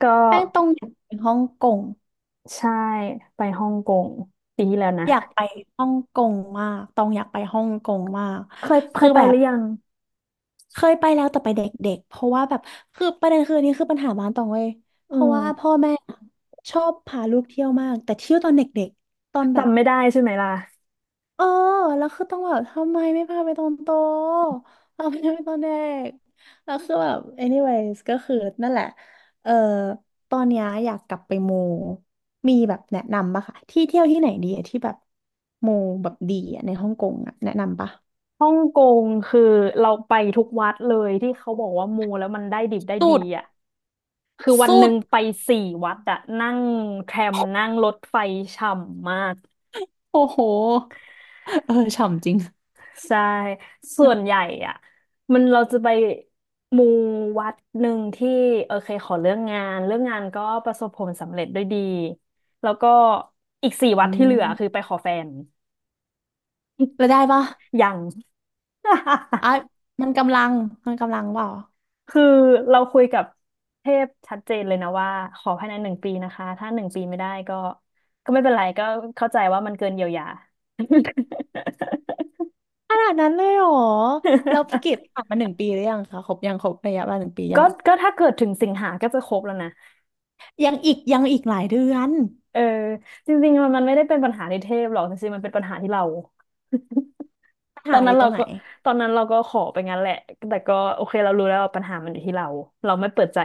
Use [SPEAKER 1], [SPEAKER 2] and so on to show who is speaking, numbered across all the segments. [SPEAKER 1] ก็
[SPEAKER 2] แป้งตองอยากไปฮ่องกง
[SPEAKER 1] ใช่ไปฮ่องกงปีที่แล้วนะ
[SPEAKER 2] อยากไปฮ่องกงมากตองอยากไปฮ่องกงมาก
[SPEAKER 1] เคยเค
[SPEAKER 2] คื
[SPEAKER 1] ย
[SPEAKER 2] อ
[SPEAKER 1] ไป
[SPEAKER 2] แบ
[SPEAKER 1] ห
[SPEAKER 2] บ
[SPEAKER 1] รือยัง
[SPEAKER 2] เคยไปแล้วแต่ไปเด็กๆเพราะว่าแบบคือประเด็นคืออันนี้คือปัญหาบ้านตองเว้ยเพ
[SPEAKER 1] อื
[SPEAKER 2] ราะ
[SPEAKER 1] ม
[SPEAKER 2] ว่าพ่อแม่ชอบพาลูกเที่ยวมากแต่เที่ยวตอนเด็กๆตอนแบบ
[SPEAKER 1] จำไม่ได้ใช่ไหมล่ะ
[SPEAKER 2] เออแล้วคือต้องแบบทำไมไม่พาไปตอนโตพาไปไปตอนเด็กแล้วคือแบบ anyways ก็คือนั่นแหละ เออ ตอนเนี้ยอยากกลับไปมูมีแบบแนะนำปะคะ ที่เที่ยวที่ไหนดีอะที่แบบมูแบบดีอะในฮ่องกงอะแนะนำปะ
[SPEAKER 1] ฮ่องกงคือเราไปทุกวัดเลยที่เขาบอกว่ามูแล้วมันได้ดิบได้
[SPEAKER 2] สุ
[SPEAKER 1] ดี
[SPEAKER 2] ด
[SPEAKER 1] อ่ะคือวัน
[SPEAKER 2] สุ
[SPEAKER 1] หนึ่
[SPEAKER 2] ด
[SPEAKER 1] งไปสี่วัดอะนั่งแทรมนั่งรถไฟฉ่ำมาก
[SPEAKER 2] โอ้โหเออฉ่ำจริง
[SPEAKER 1] ใช่ส่วนใหญ่อะมันเราจะไปมูวัดหนึ่งที่โอเคขอเรื่องงานเรื่องงานก็ประสบผลสำเร็จด้วยดีแล้วก็อีกสี่
[SPEAKER 2] อื
[SPEAKER 1] วัดที่เหลือคือ
[SPEAKER 2] ม
[SPEAKER 1] ไปขอแฟน
[SPEAKER 2] แล้วได้ปะ
[SPEAKER 1] ยัง
[SPEAKER 2] อ่ะ มันกำลัง มันกำลังเปล่า
[SPEAKER 1] คือเราคุยกับเทพชัดเจนเลยนะว่าขอภายในหนึ่งปีนะคะถ้าหนึ่งปีไม่ได้ก็ไม่เป็นไรก็เข้าใจว่ามันเกินเยียวยา
[SPEAKER 2] ขนาดนั้นเลยเหรอเราฝึกกิจผ่านมาหนึ่งปีหรือยังคะครบยังครบระยะเวลาหนึ่งปียั
[SPEAKER 1] ก็
[SPEAKER 2] ง
[SPEAKER 1] ก็ถ้าเกิดถึงสิงหาก็จะครบแล้วนะ
[SPEAKER 2] ยังอีกยังอีกหลายเดือน
[SPEAKER 1] เออจริงๆมันไม่ได้เป็นปัญหาในเทพหรอกจริงๆมันเป็นปัญหาที่เรา
[SPEAKER 2] ปัญ
[SPEAKER 1] ตอ
[SPEAKER 2] หา
[SPEAKER 1] น
[SPEAKER 2] อ
[SPEAKER 1] นั้น
[SPEAKER 2] ยู่ต
[SPEAKER 1] เรา
[SPEAKER 2] รงไหน
[SPEAKER 1] ก็ตอนนั้นเราก็ขอไปงั้นแหละแต่ก็โอเคเรารู้แล้วว่าปัญหามันอยู่ที่เราเราไม่เปิดใจ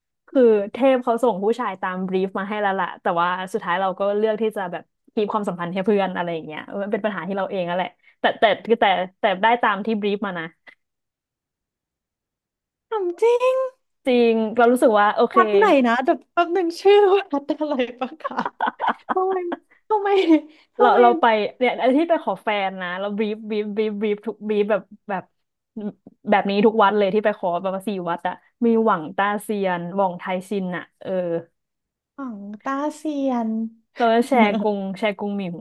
[SPEAKER 1] คือเทพเขาส่งผู้ชายตามบรีฟมาให้แล้วล่ะแต่ว่าสุดท้ายเราก็เลือกที่จะแบบคีปความสัมพันธ์ให้เพื่อนอะไรอย่างเงี้ยเออมันเป็นปัญหาที่เราเองนั่นแหละแต่แต่แต่แต่แต่ได้ตามที่บรีฟมานะ
[SPEAKER 2] ถามจริง
[SPEAKER 1] จริงเรารู้สึกว่าโอเค
[SPEAKER 2] วัดไหนนะแต่แป๊บหนึ่งชื่อวัดอะไรปะคะ ทำไมทำไม
[SPEAKER 1] เรา
[SPEAKER 2] ทำไม
[SPEAKER 1] เราไปเนี่ยอันที่ไปขอแฟนนะเราบีฟบีฟบีฟบีฟทุกบีฟแบบแบบนี้ทุกวัดเลยที่ไปขอแบบว่าสี่วัดอะมีหวังต้าเซียนหว่องไทยซินอะเออ
[SPEAKER 2] หวังตาเซียน
[SPEAKER 1] เราจะแชร์กง แชร์กงหมิว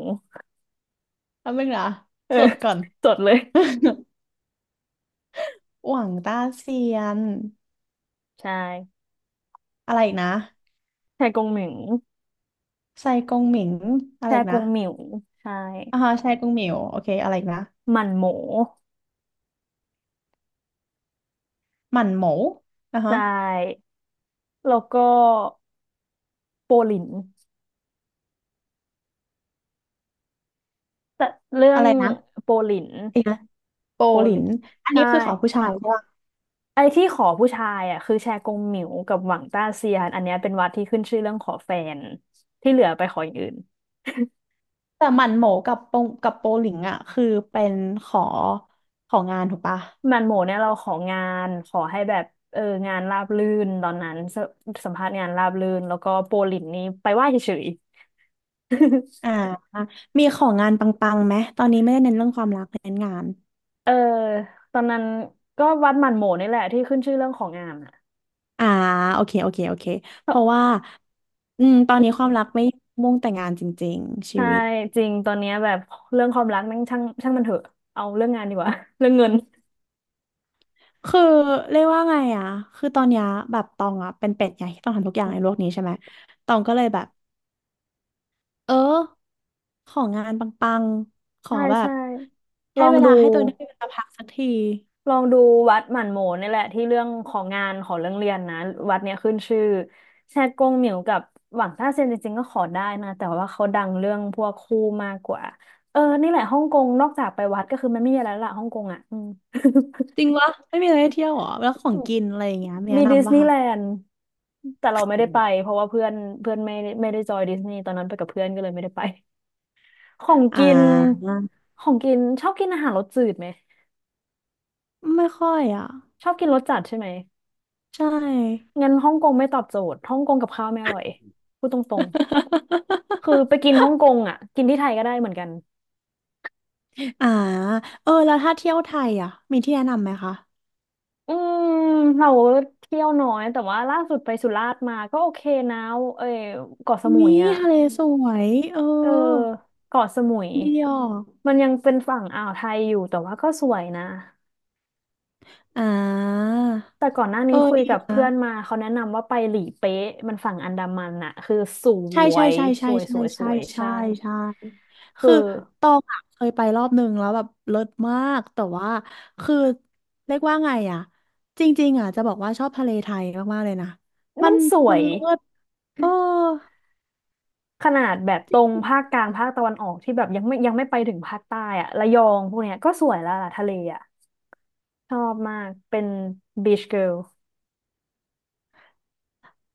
[SPEAKER 2] แป๊บหนึงนะ
[SPEAKER 1] เออ
[SPEAKER 2] สดก่อน
[SPEAKER 1] จดเลย
[SPEAKER 2] หวังตาเซียน
[SPEAKER 1] ใช่
[SPEAKER 2] อะไรอีกนะ
[SPEAKER 1] แชร์กงหมิว
[SPEAKER 2] ไซกงหมิงอะ
[SPEAKER 1] แช
[SPEAKER 2] ไรอี
[SPEAKER 1] ร์
[SPEAKER 2] ก
[SPEAKER 1] ก
[SPEAKER 2] นะ
[SPEAKER 1] งหมิวใช่
[SPEAKER 2] อ่าฮะไซกงหมิวโอเคอะไรอีกนะ
[SPEAKER 1] หมั่นโหม
[SPEAKER 2] หมั่นหมูอ่า
[SPEAKER 1] ใช
[SPEAKER 2] ฮะ
[SPEAKER 1] ่แล้วก็โปหลินแต่เรื่อ
[SPEAKER 2] อะ
[SPEAKER 1] ง
[SPEAKER 2] ไรนะ
[SPEAKER 1] โปหลิน
[SPEAKER 2] เองนะโป
[SPEAKER 1] โป
[SPEAKER 2] หลิ
[SPEAKER 1] หลิ
[SPEAKER 2] น
[SPEAKER 1] น
[SPEAKER 2] อัน
[SPEAKER 1] ใช่
[SPEAKER 2] นี้คือขอผู้ชายใช่ปะ
[SPEAKER 1] ไอ้ที่ขอผู้ชายอ่ะคือแชกงหมิวกับหวังต้าเซียนอันเนี้ยเป็นวัดที่ขึ้นชื่อเรื่องขอแฟนที่เหลือไปขออย่างอื่น
[SPEAKER 2] แต่หมั่นโหมกับโปกับโปหลิงอ่ะคือเป็นขอของานถูกปะ
[SPEAKER 1] มันโหมเนี่ยเราของานขอให้แบบเอองานราบรื่นตอนนั้นสสัมภาษณ์งานราบรื่นแล้วก็โปลินนี่ไปไหว้เฉยๆ
[SPEAKER 2] อ่ามีของงานปังๆไหมตอนนี้ไม่ได้เน้นเรื่องความรักเน้นงาน
[SPEAKER 1] เออตอนนั้นก็วัดหมันโหมนี่แหละที่ขึ้นชื่อเรื่องของงานอ่ะ
[SPEAKER 2] อ่าโอเคโอเคโอเค
[SPEAKER 1] เอ
[SPEAKER 2] เพ
[SPEAKER 1] อ
[SPEAKER 2] ราะว่าอืมตอนนี้ความรักไม่มุ่งแต่งานจริงๆชี
[SPEAKER 1] ใช่
[SPEAKER 2] วิต
[SPEAKER 1] จริงตอนเนี้ยแบบเรื่องความรักนั่งช่างมันเถอะเอาเรื่องงานดีกว่า เรื่องเงิน
[SPEAKER 2] คือเรียกว่าไงอ่ะคือตอนเนี้ยแบบตองอ่ะเป็นเป็ดไงที่ต้องทำทุกอย่าง
[SPEAKER 1] อื
[SPEAKER 2] ในโลก
[SPEAKER 1] ม
[SPEAKER 2] นี้ใช่ไหมตองก็เลยแบบ เออของงานปังๆขอ
[SPEAKER 1] ใช่
[SPEAKER 2] แบ
[SPEAKER 1] ใช่
[SPEAKER 2] บ
[SPEAKER 1] ล
[SPEAKER 2] ให้
[SPEAKER 1] อง
[SPEAKER 2] เว
[SPEAKER 1] ดู
[SPEAKER 2] ลาให้ตัวเองได้มีเวลาพักสักที
[SPEAKER 1] ลองดูวัดหมั่นโหมนี่แหละที่เรื่องของงานของเรื่องเรียนนะวัดเนี้ยขึ้นชื่อแชกงเหมียวกับหวังต้าเซียนจริงๆก็ขอได้นะแต่ว่าเขาดังเรื่องพวกคู่มากกว่าเออนี่แหละฮ่องกงนอกจากไปวัดก็คือมันไม่มีอะไรแล้วละฮ่องกงอ่ะอืม
[SPEAKER 2] จริงวะไม่มีอะไรให้เที่ยวเหรอแล้วของกิ นอะไรอย่างเงี้ยมี
[SPEAKER 1] มี
[SPEAKER 2] แนะ
[SPEAKER 1] ดิส
[SPEAKER 2] นำป่ะ
[SPEAKER 1] นีย์
[SPEAKER 2] คะ
[SPEAKER 1] แลนด์แต่เราไม่ได้ไปเพราะว่าเพื่อนเพื่อนไม่ได้จอยดิสนีย์ตอนนั้นไปกับเพื่อนก็เลยไม่ได้ไปของ
[SPEAKER 2] อ่
[SPEAKER 1] กิน
[SPEAKER 2] า
[SPEAKER 1] ของกินชอบกินอาหารรสจืดไหม
[SPEAKER 2] ไม่ค่อยอ่ะ
[SPEAKER 1] ชอบกินรสจัดใช่ไหม
[SPEAKER 2] ใช่
[SPEAKER 1] งั้นฮ่องกงไม่ตอบโจทย์ฮ่องกงกับข้าวไม่อร่อยพูดตรงๆ คือไปกิ นฮ่องกงอ่ะ กินที่ไทยก็ได้เหมือนกัน
[SPEAKER 2] อ่าเออแล้วถ้าเที่ยวไทยอ่ะมีที่แนะนำไหมคะ
[SPEAKER 1] อืมเราเที่ยวน้อยแต่ว่าล่าสุดไปสุราษฎร์มาก็โอเคนะเอ้ยเกาะสมุย
[SPEAKER 2] มี
[SPEAKER 1] อ่ะ
[SPEAKER 2] ทะเลสวยเออ
[SPEAKER 1] เออเกาะสมุย
[SPEAKER 2] ดีอ่ะ
[SPEAKER 1] มันยังเป็นฝั่งอ่าวไทยอยู่แต่ว่าก็สวยนะ
[SPEAKER 2] อ่า
[SPEAKER 1] แต่ก่อนหน้า
[SPEAKER 2] เอ
[SPEAKER 1] นี้
[SPEAKER 2] อ
[SPEAKER 1] คุย
[SPEAKER 2] ดี
[SPEAKER 1] กับ
[SPEAKER 2] นะ
[SPEAKER 1] เพื่อนมาเขาแนะนำว่าไปหลีเป๊ะมันฝั่งอันดามันน่ะคือส
[SPEAKER 2] ใช่
[SPEAKER 1] ว
[SPEAKER 2] ใช่
[SPEAKER 1] ย
[SPEAKER 2] ใช่
[SPEAKER 1] ส
[SPEAKER 2] ใช่
[SPEAKER 1] วยส
[SPEAKER 2] ใช่
[SPEAKER 1] วยส
[SPEAKER 2] ใช่
[SPEAKER 1] วย
[SPEAKER 2] ใช่
[SPEAKER 1] ใช่
[SPEAKER 2] ใช่
[SPEAKER 1] คื
[SPEAKER 2] คือ
[SPEAKER 1] อ
[SPEAKER 2] ตองอะเคยไปรอบนึงแล้วแบบเลิศมากแต่ว่าคือเรียกว่าไงอ่ะจริงๆอ่ะจะบอกว่าชอบทะเลไทยมากๆเลยนะมั
[SPEAKER 1] มัน
[SPEAKER 2] น
[SPEAKER 1] สว
[SPEAKER 2] มัน
[SPEAKER 1] ย
[SPEAKER 2] เลิศเออ
[SPEAKER 1] ขนาดแบบตรงภาคกลางภาคตะวันออกที่แบบยังไม่ไปถึงภาคใต้อะระยองพวกเนี้ยก็สวยแล้วล่ะทะเลอะชอบมากเป็นบีชเกิ l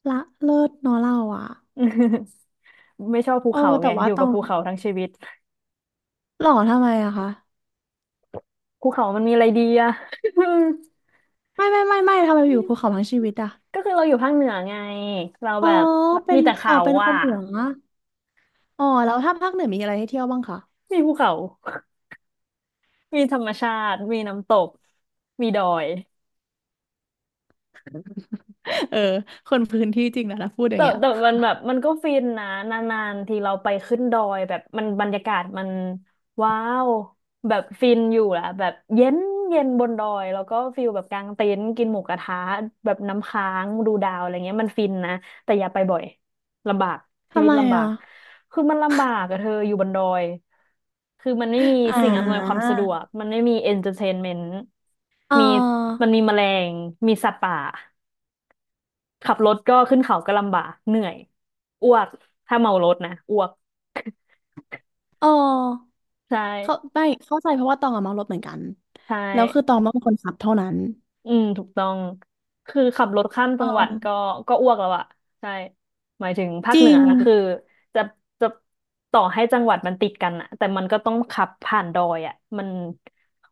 [SPEAKER 2] ละเลิศเนอะเราอ่ะ
[SPEAKER 1] ล ไม่ชอบภู
[SPEAKER 2] เออ
[SPEAKER 1] เขาไง
[SPEAKER 2] แต่
[SPEAKER 1] อ
[SPEAKER 2] ว่า
[SPEAKER 1] ยู่
[SPEAKER 2] ต
[SPEAKER 1] กั
[SPEAKER 2] อ
[SPEAKER 1] บ
[SPEAKER 2] ง
[SPEAKER 1] ภูเขาทั้งชีวิต
[SPEAKER 2] หล่อทำไมอะคะ
[SPEAKER 1] ภูเขามันมีอะไรดีอะ
[SPEAKER 2] ไม่ทำไมอยู่ภูเขาทั้งชีวิตอะ
[SPEAKER 1] ก็คือเราอยู่ภาคเหนือไงเรา
[SPEAKER 2] อ๋อ
[SPEAKER 1] แบบ
[SPEAKER 2] เป็
[SPEAKER 1] มี
[SPEAKER 2] น
[SPEAKER 1] แต่
[SPEAKER 2] อ๋อ
[SPEAKER 1] เขา
[SPEAKER 2] เป็นค
[SPEAKER 1] อะ
[SPEAKER 2] นเหนืออ๋อแล้วถ้าภาคเหนือมีอะไรให้เที่ยวบ้างคะ
[SPEAKER 1] มีภูเขา มีธรรมชาติมีน้ำตกมีดอย
[SPEAKER 2] เออคนพื้นที่จริงนะถ้าพูดอย่า
[SPEAKER 1] แต่
[SPEAKER 2] งเงี้ย
[SPEAKER 1] แต่มันแบบมันก็ฟินนะนานๆทีเราไปขึ้นดอยแบบมันบรรยากาศมันว้าวแบบฟินอยู่แหละแบบเย็นบนดอยแล้วก็ฟิลแบบกางเต็นท์กินหมูกระทะแบบน้ำค้างดูดาวอะไรเงี้ยมันฟินนะแต่อย่าไปบ่อยลำบากชี
[SPEAKER 2] ทำ
[SPEAKER 1] วิต
[SPEAKER 2] ไม
[SPEAKER 1] ลำบา
[SPEAKER 2] อ่ะ
[SPEAKER 1] กคือมันลำบากอะเธออยู่บนดอยคือมันไม่มี
[SPEAKER 2] อ่
[SPEAKER 1] สิ่งอำนวยควา
[SPEAKER 2] า
[SPEAKER 1] มสะดวกมันไม่มีเอนเตอร์เทนเมนต์
[SPEAKER 2] อ๋
[SPEAKER 1] มีมั
[SPEAKER 2] อ
[SPEAKER 1] นมีแมลงมีสัตว์ป่า ขับรถก็ขึ้นเขาก็ลำบากเหนื่อยอ้วกถ้าเมารถนะอ้วก
[SPEAKER 2] อ๋อ
[SPEAKER 1] ใช
[SPEAKER 2] เข้า
[SPEAKER 1] ่
[SPEAKER 2] ไม่เข้าใจเพราะว่าตองอะเมารถเหมือนกัน
[SPEAKER 1] ใช่
[SPEAKER 2] แล้วคือตองเป็นคนขับเท่านั้น
[SPEAKER 1] อืมถูกต้องคือขับรถข้ามจั
[SPEAKER 2] อ๋
[SPEAKER 1] งหวัดก็
[SPEAKER 2] อ
[SPEAKER 1] อ้วกแล้วอะใช่หมายถึงภา
[SPEAKER 2] จ
[SPEAKER 1] คเห
[SPEAKER 2] ริ
[SPEAKER 1] นือ
[SPEAKER 2] ง
[SPEAKER 1] คือจะจะต่อให้จังหวัดมันติดกันอะแต่มันก็ต้องขับผ่านดอยอะมัน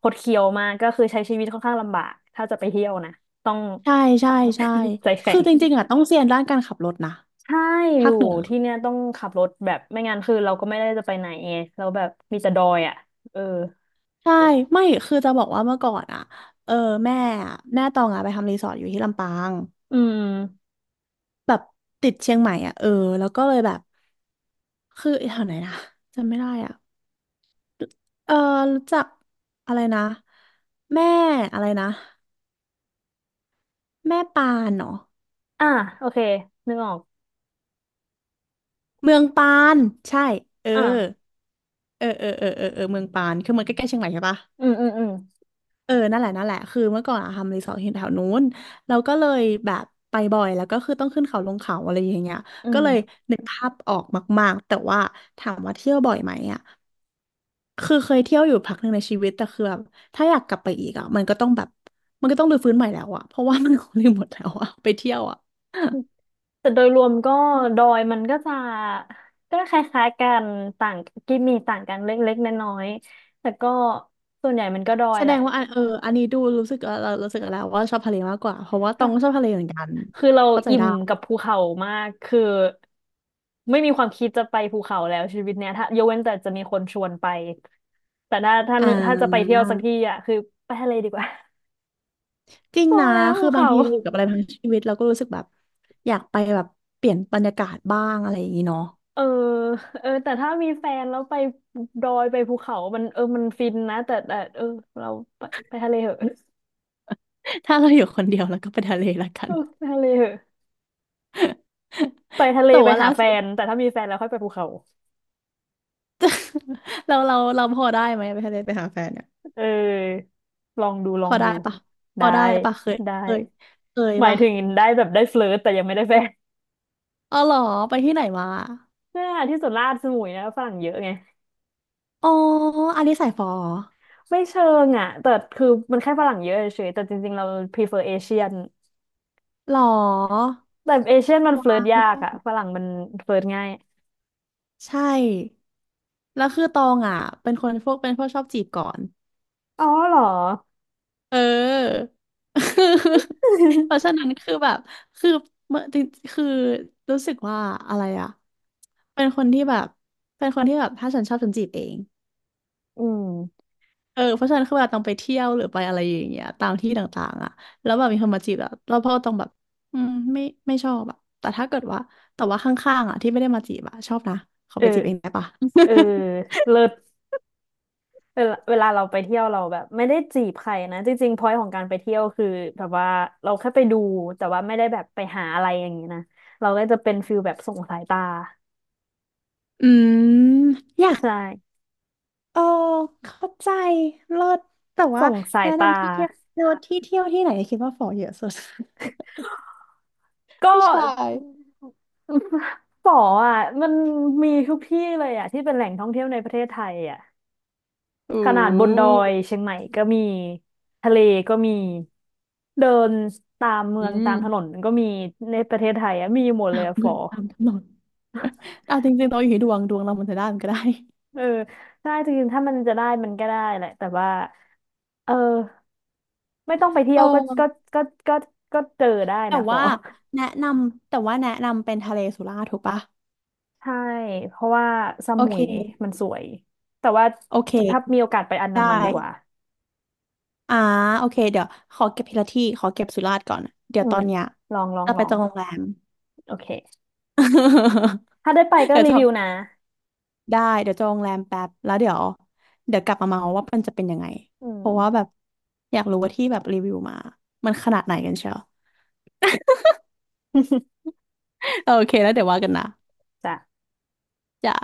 [SPEAKER 1] คดเคี้ยวมากก็คือใช้ชีวิตค่อนข้างลำบากถ้าจะไปเที่ยวนะต้อง
[SPEAKER 2] ใช่ใช่ใช่
[SPEAKER 1] ใจแข็
[SPEAKER 2] คือ
[SPEAKER 1] ง
[SPEAKER 2] จริงๆอะต้องเซียนด้านการขับรถนะ
[SPEAKER 1] ใช่อ
[SPEAKER 2] ภา
[SPEAKER 1] ยู่
[SPEAKER 2] คเหนือ
[SPEAKER 1] ที่เนี่ยต้องขับรถแบบไม่งั้นคือเราก็ไม่ได้จะไปไหนไงเราแบบมีแต่ดอยอ่ะเออ
[SPEAKER 2] ใช่ไม่คือจะบอกว่าเมื่อก่อนอะเออแม่อะแม่ตองอะไปทำรีสอร์ทอยู่ที่ลำปาง
[SPEAKER 1] อืม
[SPEAKER 2] แบบติดเชียงใหม่อะเออแล้วก็เลยแบบคือแถวไหนนะจำไม่ได้อะเออรู้จักอะไรนะแม่อะไรนะแม่ปานเนาะ
[SPEAKER 1] อ่ะโอเคนึกออก
[SPEAKER 2] เมืองปานใช่เออ
[SPEAKER 1] อ่ะ
[SPEAKER 2] เออเออเออเออเออเมืองปานคือมันใกล้ๆเชียงใหม่ใช่ปะ
[SPEAKER 1] อืมอืมอืม
[SPEAKER 2] เออนั่นแหละนั่นแหละคือเมื่อก่อนอะทำรีสอร์ทที่แถวนู้นเราก็เลยแบบไปบ่อยแล้วก็คือต้องขึ้นเขาลงเขาอะไรอย่างเงี้ย
[SPEAKER 1] อื
[SPEAKER 2] ก็
[SPEAKER 1] ม
[SPEAKER 2] เลยนึกภาพออกมากๆแต่ว่าถามว่าเที่ยวบ่อยไหมอ่ะคือเคยเที่ยวอยู่พักหนึ่งในชีวิตแต่คือแบบถ้าอยากกลับไปอีกอ่ะมันก็ต้องแบบมันก็ต้องรื้อฟื้นใหม่แล้วอ่ะเพราะว่ามัน คงลืมหมดแล้วอ่ะไปเที่ยวอ่ะ
[SPEAKER 1] แต่โดยรวมก็ดอยมันก็จะก็คล้ายๆกันต่างกิมมีต่างกันเล็กๆน้อยๆแต่ก็ส่วนใหญ่มันก็ดอย
[SPEAKER 2] แส
[SPEAKER 1] แห
[SPEAKER 2] ด
[SPEAKER 1] ล
[SPEAKER 2] งว่าอันเอออันนี้ดูรู้สึกว่าเรารู้สึกแล้วว่าชอบทะเลมากกว่าเพราะว่าตอ
[SPEAKER 1] ะ
[SPEAKER 2] งก็ชอบทะเลเหมือนกัน
[SPEAKER 1] คือเรา
[SPEAKER 2] เข้าใจ
[SPEAKER 1] อิ่ม
[SPEAKER 2] ได้
[SPEAKER 1] กับภูเขามากคือไม่มีความคิดจะไปภูเขาแล้วชีวิตเนี้ยถ้ายกเว้นแต่จะมีคนชวนไป แต่ถ้า
[SPEAKER 2] อ่
[SPEAKER 1] ถ้าจะไปเที่
[SPEAKER 2] า
[SPEAKER 1] ยวสักที่อ่ะคือไปทะเลดีกว่า
[SPEAKER 2] จริ ง
[SPEAKER 1] พอ
[SPEAKER 2] นะ
[SPEAKER 1] แล้ว
[SPEAKER 2] คื
[SPEAKER 1] ภู
[SPEAKER 2] อบาง
[SPEAKER 1] เขา
[SPEAKER 2] ทีเราอยู่กับอะไรทั้งชีวิตเราก็รู้สึกแบบอยากไปแบบเปลี่ยนบรรยากาศบ้างอะไรอย่างนี้เนาะ
[SPEAKER 1] เออเออแต่ถ้ามีแฟนแล้วไปดอยไปภูเขามันเออมันฟินนะแต่เออเราไปไปทะเลเหอะ
[SPEAKER 2] ถ้าเราอยู่คนเดียวเราก็ไปทะเลละกั
[SPEAKER 1] เอ
[SPEAKER 2] น
[SPEAKER 1] อไปทะเลเหอะไปทะเล
[SPEAKER 2] แต่
[SPEAKER 1] ไป
[SPEAKER 2] ว่า
[SPEAKER 1] หา
[SPEAKER 2] ล่า
[SPEAKER 1] แฟ
[SPEAKER 2] สุด
[SPEAKER 1] นแต่ถ้ามีแฟนแล้วค่อยไปภูเขา
[SPEAKER 2] เราพอได้ไหมไปทะเลไปหาแฟนเนี่ย
[SPEAKER 1] เออลองดูล
[SPEAKER 2] พ
[SPEAKER 1] อ
[SPEAKER 2] อ
[SPEAKER 1] ง
[SPEAKER 2] ได้
[SPEAKER 1] ดู
[SPEAKER 2] ปะพอ
[SPEAKER 1] ได้
[SPEAKER 2] ได้ปะเคย
[SPEAKER 1] ได้
[SPEAKER 2] เคยเคย
[SPEAKER 1] หมาย
[SPEAKER 2] ปะ
[SPEAKER 1] ถึงได้แบบได้เฟลิร์ตแต่ยังไม่ได้แฟน
[SPEAKER 2] อ๋อเหรอไปที่ไหนมา
[SPEAKER 1] เนี่ยที่สุดราชสมุยนะฝรั่งเยอะไง
[SPEAKER 2] อ๋ออันนี้สายฟอ
[SPEAKER 1] ไม่เชิงอ่ะแต่คือมันแค่ฝรั่งเยอะเฉยๆแต่จริงๆเรา prefer เอเชียน
[SPEAKER 2] เหรอ
[SPEAKER 1] แต่เอเชียนมันเฟลิร์
[SPEAKER 2] วา
[SPEAKER 1] ตยาก
[SPEAKER 2] ย
[SPEAKER 1] อ่ะฝรั่งมันเฟลิร์ตง่าย
[SPEAKER 2] ใช่ แล้วคือตองอ่ะเป็นคนพวกเป็นพวกชอบจีบก่อน
[SPEAKER 1] อ๋อเหรอ
[SPEAKER 2] เออ เพ ราะฉะนั้นคือแบบคือเมื่อจริงคือรู้สึกว่าอะไรอ่ะเป็นคนที่แบบเป็นคนที่แบบถ้าฉันชอบฉันจีบเอง
[SPEAKER 1] อืม
[SPEAKER 2] เออเพราะฉะนั้นคือเวลาต้องไปเที่ยวหรือไปอะไรอย่างเงี้ยตามที่ต่างๆอ่ะแล้วแบบมีคนมาจีบอ่ะเราพ่อต้องแบบอืมไม่ไม่ชอบอ่ะแต่ถ้าเกิดว่าแต่ว่าข้างๆอ่ะที่ไม่ได้มาจีบอ่ะชอบนะขอ
[SPEAKER 1] เออ
[SPEAKER 2] ไปจีบเองได้ปะ
[SPEAKER 1] เออเลิศเวลาเราไปเที่ยวเราแบบไม่ได้จีบใครนะจริงๆพอย n t ของการไปเที่ยวคือแบบว่าเราแค่ไปดูแต่ว่าไม่ได้แบบไปหาอะไรอย่างนี้นะเราก็จะเป็นฟิลแบบส่งสายตา
[SPEAKER 2] อืมอยาก
[SPEAKER 1] ใช่
[SPEAKER 2] เออเข้าใจเลิศแต่ว่า
[SPEAKER 1] ส่งสาย
[SPEAKER 2] แนะ
[SPEAKER 1] ตา
[SPEAKER 2] นำที่เที่ยวเลิศที่เที่ยวที่ไหนคิดว่าฝอเยอะสุด
[SPEAKER 1] ก็
[SPEAKER 2] ผู้ชาย
[SPEAKER 1] ป๋ออ่ะมันมีทุกที่เลยอ่ะที่เป็นแหล่งท่องเที่ยวในประเทศไทยอ่ะ
[SPEAKER 2] อื
[SPEAKER 1] ขนาดบนดอย
[SPEAKER 2] ม
[SPEAKER 1] เชียงใหม่ก็มีทะเลก็มีเดินตามเมื
[SPEAKER 2] อื
[SPEAKER 1] องตามถนน
[SPEAKER 2] ม
[SPEAKER 1] ก็มีในประเทศไทยอ่ะมีหมดเล
[SPEAKER 2] ตา
[SPEAKER 1] ย
[SPEAKER 2] ม
[SPEAKER 1] อ่ะฝ
[SPEAKER 2] เงิ
[SPEAKER 1] อ
[SPEAKER 2] นตามถนนเอาจริงๆเราอยู่ที่ดวงดวงเรามันจะได้มันก็ได้
[SPEAKER 1] เออใช่จริงๆถ้ามันจะได้มันก็ได้แหละแต่ว่าเออไม่ต้องไปเที่ย
[SPEAKER 2] เออ
[SPEAKER 1] วก็ก็ก็เจอได้
[SPEAKER 2] แต่
[SPEAKER 1] นะฝอ
[SPEAKER 2] ว่า แนะนำแต่ว่าแนะนำเป็นทะเลสุราษฎร์ถูกปะ
[SPEAKER 1] ใช่เพราะว่าส
[SPEAKER 2] โอ
[SPEAKER 1] มุ
[SPEAKER 2] เค
[SPEAKER 1] ยมันสวยแต่ว่า
[SPEAKER 2] โอเค
[SPEAKER 1] ถ้ามีโอกาสไปอันดา
[SPEAKER 2] ได้
[SPEAKER 1] มันดีกว่า
[SPEAKER 2] อ่าโอเคเดี๋ยวขอเก็บทีละที่ขอเก็บสุราษฎร์ก่อนเดี๋ย
[SPEAKER 1] อื
[SPEAKER 2] วตอ
[SPEAKER 1] ม
[SPEAKER 2] นเนี้ย
[SPEAKER 1] ลองลอง
[SPEAKER 2] จะ
[SPEAKER 1] ล
[SPEAKER 2] ไป
[SPEAKER 1] อ
[SPEAKER 2] จ
[SPEAKER 1] ง
[SPEAKER 2] องโรงแรม
[SPEAKER 1] โอเค ถ้าได้ไปก็
[SPEAKER 2] เดี๋ยว
[SPEAKER 1] รี
[SPEAKER 2] จอ
[SPEAKER 1] วิวนะ
[SPEAKER 2] ง ได้เดี๋ยวจองโรงแรมแป๊บแล้วเดี๋ยวเดี๋ยวกลับมาเมาว่ามันจะเป็นยังไง
[SPEAKER 1] อื
[SPEAKER 2] เพ
[SPEAKER 1] ม
[SPEAKER 2] ราะว่าแบบอยากรู้ว่าที่แบบรีวิวมามันขนาดไหนกันเชียว โอเคแล้วเดี๋ยวว่ากันนะ
[SPEAKER 1] จ้ะ
[SPEAKER 2] จ้ะ